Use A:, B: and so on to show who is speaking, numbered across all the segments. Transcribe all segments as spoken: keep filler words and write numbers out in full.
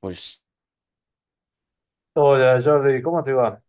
A: Pues
B: Hola Jordi, ¿cómo te va?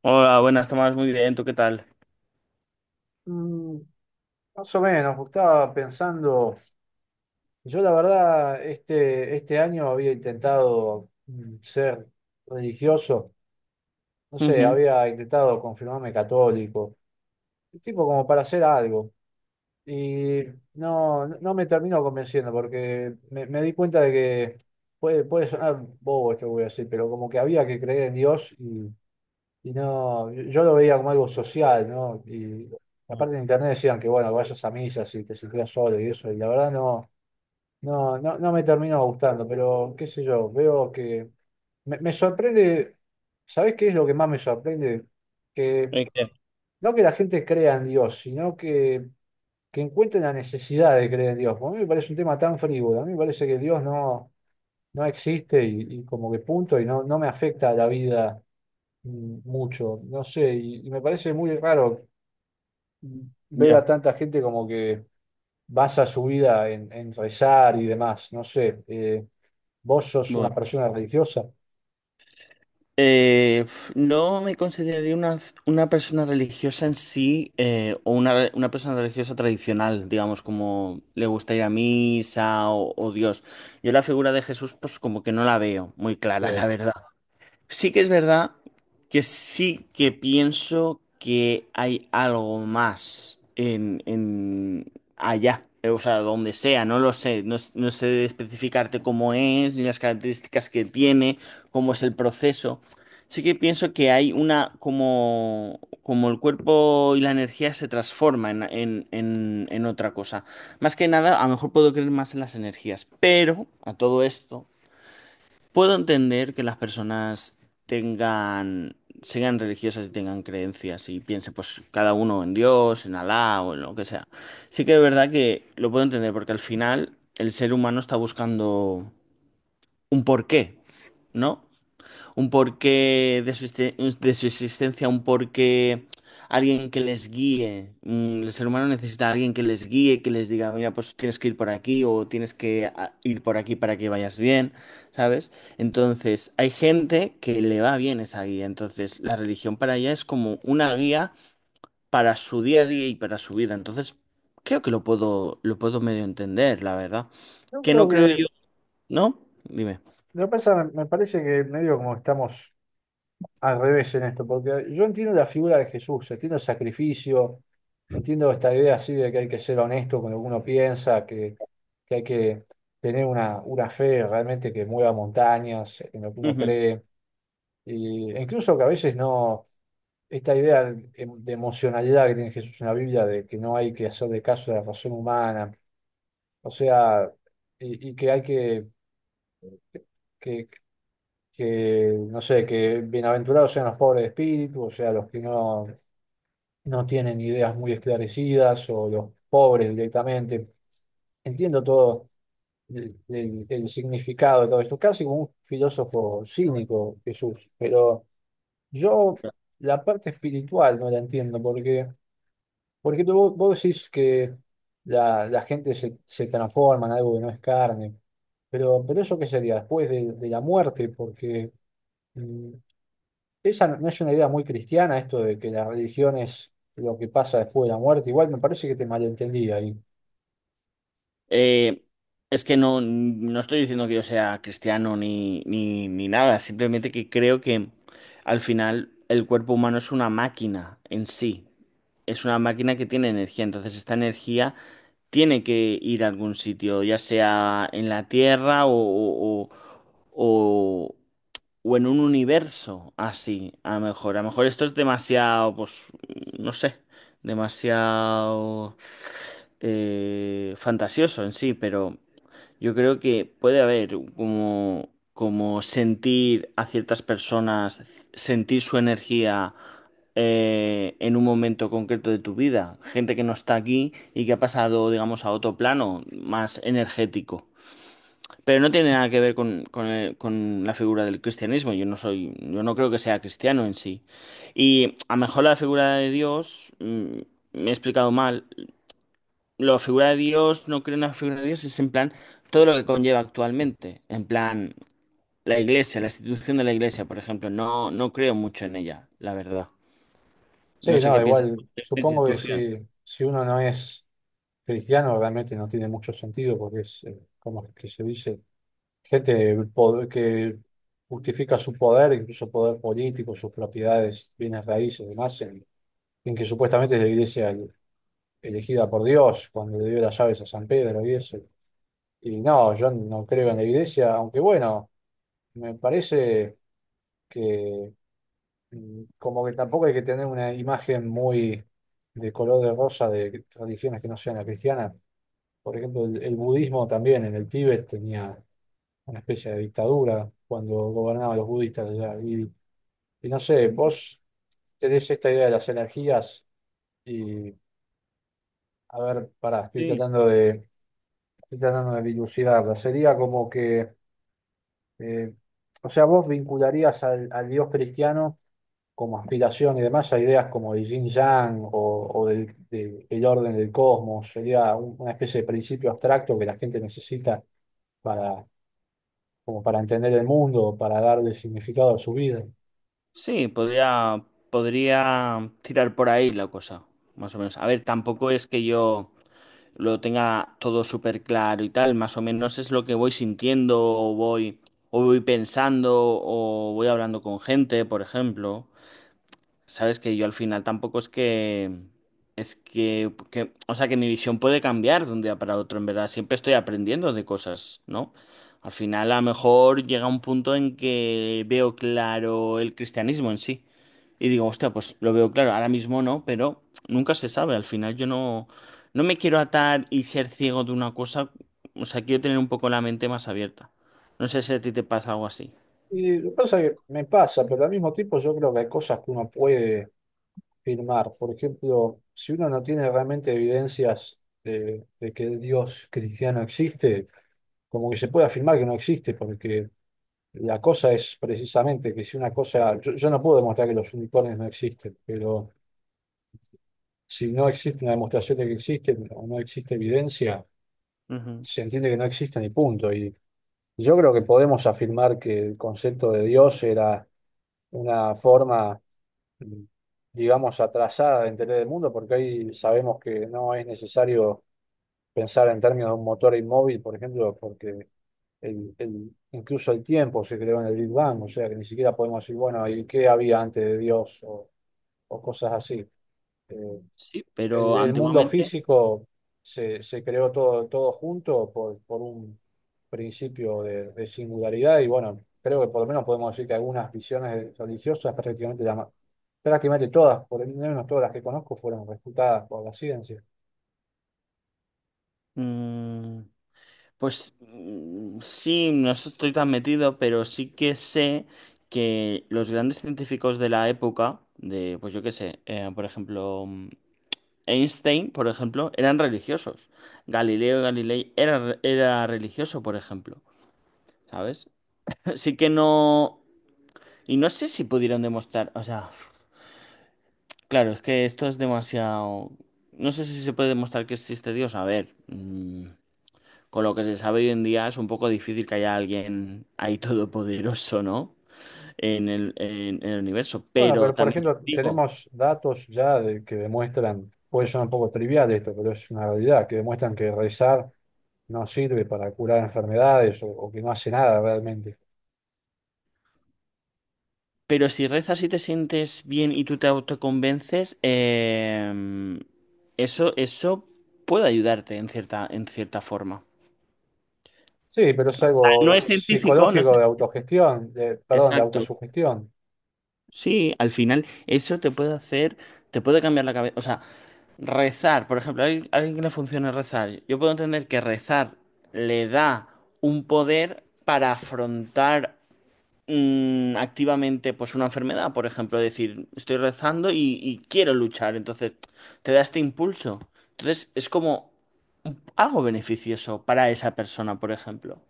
A: hola, buenas, Tomás, muy bien, ¿tú qué tal?
B: Mm, Más o menos, estaba pensando, yo la verdad este, este año había intentado mm, ser religioso, no sé,
A: Ujú.
B: había intentado confirmarme católico, tipo como para hacer algo, y no, no me termino convenciendo porque me, me di cuenta de que puede, puede sonar bobo esto que voy a decir, pero como que había que creer en Dios. Y no, yo lo veía como algo social, ¿no? Y aparte en internet decían que, bueno, vayas a misa si te sentías solo y eso, y la verdad no, no, no, no me terminó gustando, pero qué sé yo, veo que me, me sorprende. ¿Sabés qué es lo que más me sorprende? Que
A: Eh, ¿qué?
B: no que la gente crea en Dios, sino que, que encuentre la necesidad de creer en Dios. Porque a mí me parece un tema tan frívolo, a mí me parece que Dios no, no existe y, y como que punto, y no, no me afecta a la vida mm, mucho, no sé, y, y me parece muy raro ver a
A: Ya.
B: tanta gente como que basa su vida en, en rezar y demás, no sé, eh, vos sos
A: Bueno,
B: una persona religiosa.
A: Eh, f- no me consideraría una, una persona religiosa en sí, eh, o una, re- una persona religiosa tradicional, digamos, como le gusta ir a misa o, o Dios. Yo la figura de Jesús, pues como que no la veo muy
B: Sí.
A: clara, la verdad. Sí que es verdad que sí que pienso que hay algo más en, en allá, eh, o sea, donde sea, no lo sé, no, s- no sé especificarte cómo es, ni las características que tiene, cómo es el proceso. Sí que pienso que hay una, como, como el cuerpo y la energía se transforma en, en, en en otra cosa. Más que nada, a lo mejor puedo creer más en las energías, pero a todo esto, puedo entender que las personas tengan, sean religiosas y tengan creencias y piensen, pues, cada uno en Dios, en Alá o en lo que sea. Sí que es verdad que lo puedo entender porque al final el ser humano está buscando un porqué, ¿no? Un porqué de su, existe- de su existencia, un porqué, alguien que les guíe. Mm, El ser humano necesita a alguien que les guíe, que les diga, mira, pues tienes que ir por aquí o tienes que a- ir por aquí para que vayas bien, ¿sabes? Entonces, hay gente que le va bien esa guía, entonces la religión para ella es como una guía para su día a día y para su vida. Entonces, creo que lo puedo, lo puedo medio entender, la verdad.
B: Yo
A: Que no
B: creo
A: creo
B: que
A: yo, ¿no? Dime.
B: Lo que pasa, me me parece que medio como estamos al revés en esto, porque yo entiendo la figura de Jesús, entiendo el sacrificio, entiendo esta idea así de que hay que ser honesto con lo que uno piensa, que, que hay que tener una, una fe realmente que mueva montañas en lo que uno cree, y, e incluso que a veces no, esta idea de, de emocionalidad que tiene Jesús en la Biblia, de que no hay que hacer de caso de la razón humana. O sea, y, y que hay que, que, que, no sé, que bienaventurados sean los pobres de espíritu, o sea, los que no, no tienen ideas muy esclarecidas o los pobres directamente. Entiendo todo el, el- el significado de todo esto, casi como un filósofo cínico, Jesús, pero yo la parte espiritual no la entiendo. Porque... Porque tú- vos, vos decís que la, la gente se, se transforma en algo que no es carne, pero, pero ¿eso qué sería? Después de, de la muerte, porque mm, esa no no es una idea muy cristiana, esto de que la religión es lo que pasa después de la muerte. Igual me parece que te malentendí ahí.
A: Eh, es que no, no estoy diciendo que yo sea cristiano ni, ni, ni nada, simplemente que creo que al final el cuerpo humano es una máquina en sí, es una máquina que tiene energía, entonces esta energía tiene que ir a algún sitio, ya sea en la tierra o, o, o- o- o en un universo así, a lo mejor. A lo mejor esto es demasiado, pues, mm, no sé, demasiado eh, fantasioso en sí, pero yo creo que puede haber como, como sentir a ciertas personas, sentir su energía. Eh, en un momento concreto de tu vida, gente que no está aquí y que ha pasado, digamos, a otro plano más energético. Pero no tiene nada que ver con, con el- con la figura del cristianismo. Yo no soy, yo no creo que sea cristiano en sí. Y a lo mejor la figura de Dios, mm, me he explicado mal. La figura de Dios, no creo en la figura de Dios, es en plan todo lo que conlleva actualmente. En plan, la iglesia, la institución de la iglesia, por ejemplo. No, no creo mucho en ella, la verdad. No
B: Sí,
A: sé
B: no,
A: qué piensas
B: igual
A: de esta
B: supongo que
A: institución.
B: si, si uno no es cristiano realmente no tiene mucho sentido porque es eh, como que se dice. Gente po- que justifica su poder, incluso poder político, sus propiedades, bienes raíces demás, en, en que supuestamente es la iglesia el- elegida por Dios cuando le dio las llaves a San Pedro y eso. Y no, yo no creo en la iglesia, aunque bueno, me parece que mm, como que tampoco hay que tener una imagen muy de color de rosa de religiones que no sean la cristiana. Por ejemplo, el, el budismo también en el Tíbet tenía una especie de dictadura cuando gobernaban los budistas allá. Y, y no sé, vos tenés esta idea de las energías y, a ver, pará, estoy
A: Sí.
B: tratando de, estoy tratando de dilucidarla. Sería como que, eh, o sea, vos vincularías al, al Dios cristiano como aspiración y demás a ideas como de Yin Yang o, o del, del- el orden del cosmos. Sería un- una especie de principio abstracto que la gente necesita, como para entender el mundo, para darle significado a su vida.
A: Sí, podría, podría tirar por ahí la cosa, más o menos. A ver, tampoco es que yo lo tenga todo súper claro y tal. Más o menos es lo que voy sintiendo o voy, o voy pensando o voy hablando con gente, por ejemplo. Sabes que yo al final tampoco es que... Es que, que- o sea, que mi visión puede cambiar de un día para otro, en verdad. Siempre estoy aprendiendo de cosas, ¿no? Al final, a lo mejor llega un punto en que veo claro el cristianismo en sí. Y digo, hostia, pues lo veo claro, ahora mismo no, pero nunca se sabe. Al final yo no, no me quiero atar y ser ciego de una cosa. O sea, quiero tener un poco la mente más abierta. No sé si a ti te pasa algo así.
B: Y lo que pasa es que me pasa, pero al mismo tiempo yo creo que hay cosas que uno puede firmar. Por ejemplo, si uno no tiene realmente evidencias de, de que el Dios cristiano existe, como que se puede afirmar que no existe, porque la cosa es precisamente que si una cosa, yo, yo no puedo demostrar que los unicornios no existen, pero si no existe una demostración de que existen o no existe evidencia,
A: Ujú.
B: se entiende que no existen y punto. Y yo creo que podemos afirmar que el concepto de Dios era una forma, mm, digamos, atrasada de entender el mundo, porque hoy sabemos que no es necesario pensar en términos de un motor inmóvil, por ejemplo, porque el- el- incluso el tiempo se creó en el Big Bang, o sea que ni siquiera podemos decir, bueno, ¿y qué había antes de Dios? o o cosas así. Eh,
A: Sí,
B: el,
A: pero
B: el mundo
A: antiguamente,
B: físico se, se creó todo, todo junto por, por un principio de, de singularidad y bueno, creo que por lo menos podemos decir que algunas visiones religiosas, prácticamente, la ma- prácticamente todas, por lo menos todas las que conozco, fueron refutadas por la ciencia.
A: mm, pues mm, sí, no estoy tan metido, pero sí que sé que los grandes científicos de la época, de, pues yo qué sé, eh, por ejemplo, mm, Einstein, por ejemplo, eran religiosos. Galileo Galilei era, era religioso, por ejemplo. ¿Sabes? Sí que no... Y no sé si pudieron demostrar... O sea, claro, es que esto es demasiado... No sé si se puede demostrar que existe Dios. A ver, mm, con lo que se sabe hoy en día es un poco difícil que haya alguien ahí todopoderoso, ¿no? En el, en en el universo.
B: Bueno,
A: Pero
B: pero por
A: también te
B: ejemplo,
A: digo...
B: tenemos datos ya de- que demuestran, puede sonar un poco trivial esto, pero es una realidad, que demuestran que rezar no sirve para curar enfermedades o, o que no hace nada realmente.
A: Pero si rezas y te sientes bien y tú te autoconvences, em, eso, eso puede ayudarte en cierta, en cierta forma.
B: Sí, pero es
A: No
B: algo
A: es científico, no es...
B: psicológico
A: cien-
B: de autogestión, de, perdón, de
A: exacto.
B: autosugestión.
A: Sí, al final eso te puede hacer, te puede cambiar la cabeza. O sea, rezar, por ejemplo, hay alguien a alguien que le funciona rezar. Yo puedo entender que rezar le da un poder para afrontar mm, activamente pues una enfermedad, por ejemplo, decir, estoy rezando y, y quiero luchar, entonces te da este impulso. Entonces es como algo beneficioso para esa persona, por ejemplo.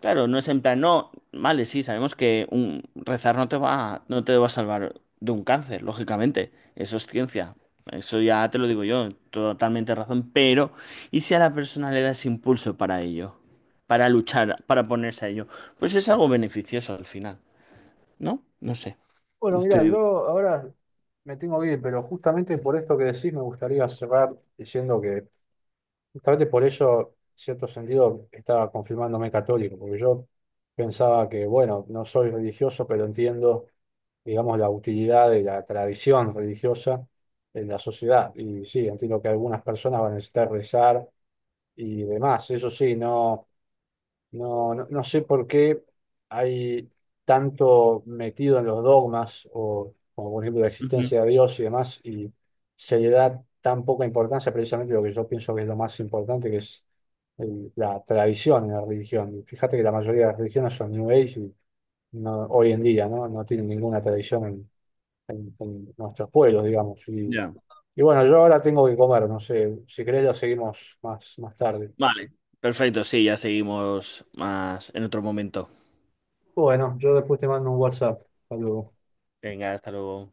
A: Claro, no es en plan, no, vale, sí, sabemos que un, rezar no te va, no te va a salvar de un cáncer, lógicamente, eso es ciencia. Eso ya te lo digo yo, totalmente razón, pero ¿y si a la persona le das impulso para ello? Para luchar, para ponerse a ello. Pues es algo beneficioso al final. ¿No? No sé.
B: Bueno, mira, yo
A: Estoy...
B: ahora me tengo que ir, pero justamente por esto que decís me gustaría cerrar diciendo que justamente por eso, en cierto sentido, estaba confirmándome católico, porque yo pensaba que, bueno, no soy religioso, pero entiendo, digamos, la utilidad de la tradición religiosa en la sociedad. Y sí, entiendo que algunas personas van a necesitar rezar y demás. Eso sí, no. No, no, no sé por qué hay tanto metido en los dogmas, o como por ejemplo la
A: Ujú.
B: existencia de Dios y demás, y se le da tan poca importancia precisamente a lo que yo pienso que es lo más importante, que es el- la tradición en la religión. Y fíjate que la mayoría de las religiones son New Age y no- hoy en día, ¿no? No tienen ninguna tradición en, en- en nuestros pueblos, digamos. Y,
A: Ya.
B: y bueno, yo ahora tengo que comer, no sé, si querés ya seguimos más, más tarde.
A: Vale. Perfecto, sí, ya seguimos más en otro momento.
B: Bueno, yo después te mando un WhatsApp. Hasta
A: Venga, hasta luego.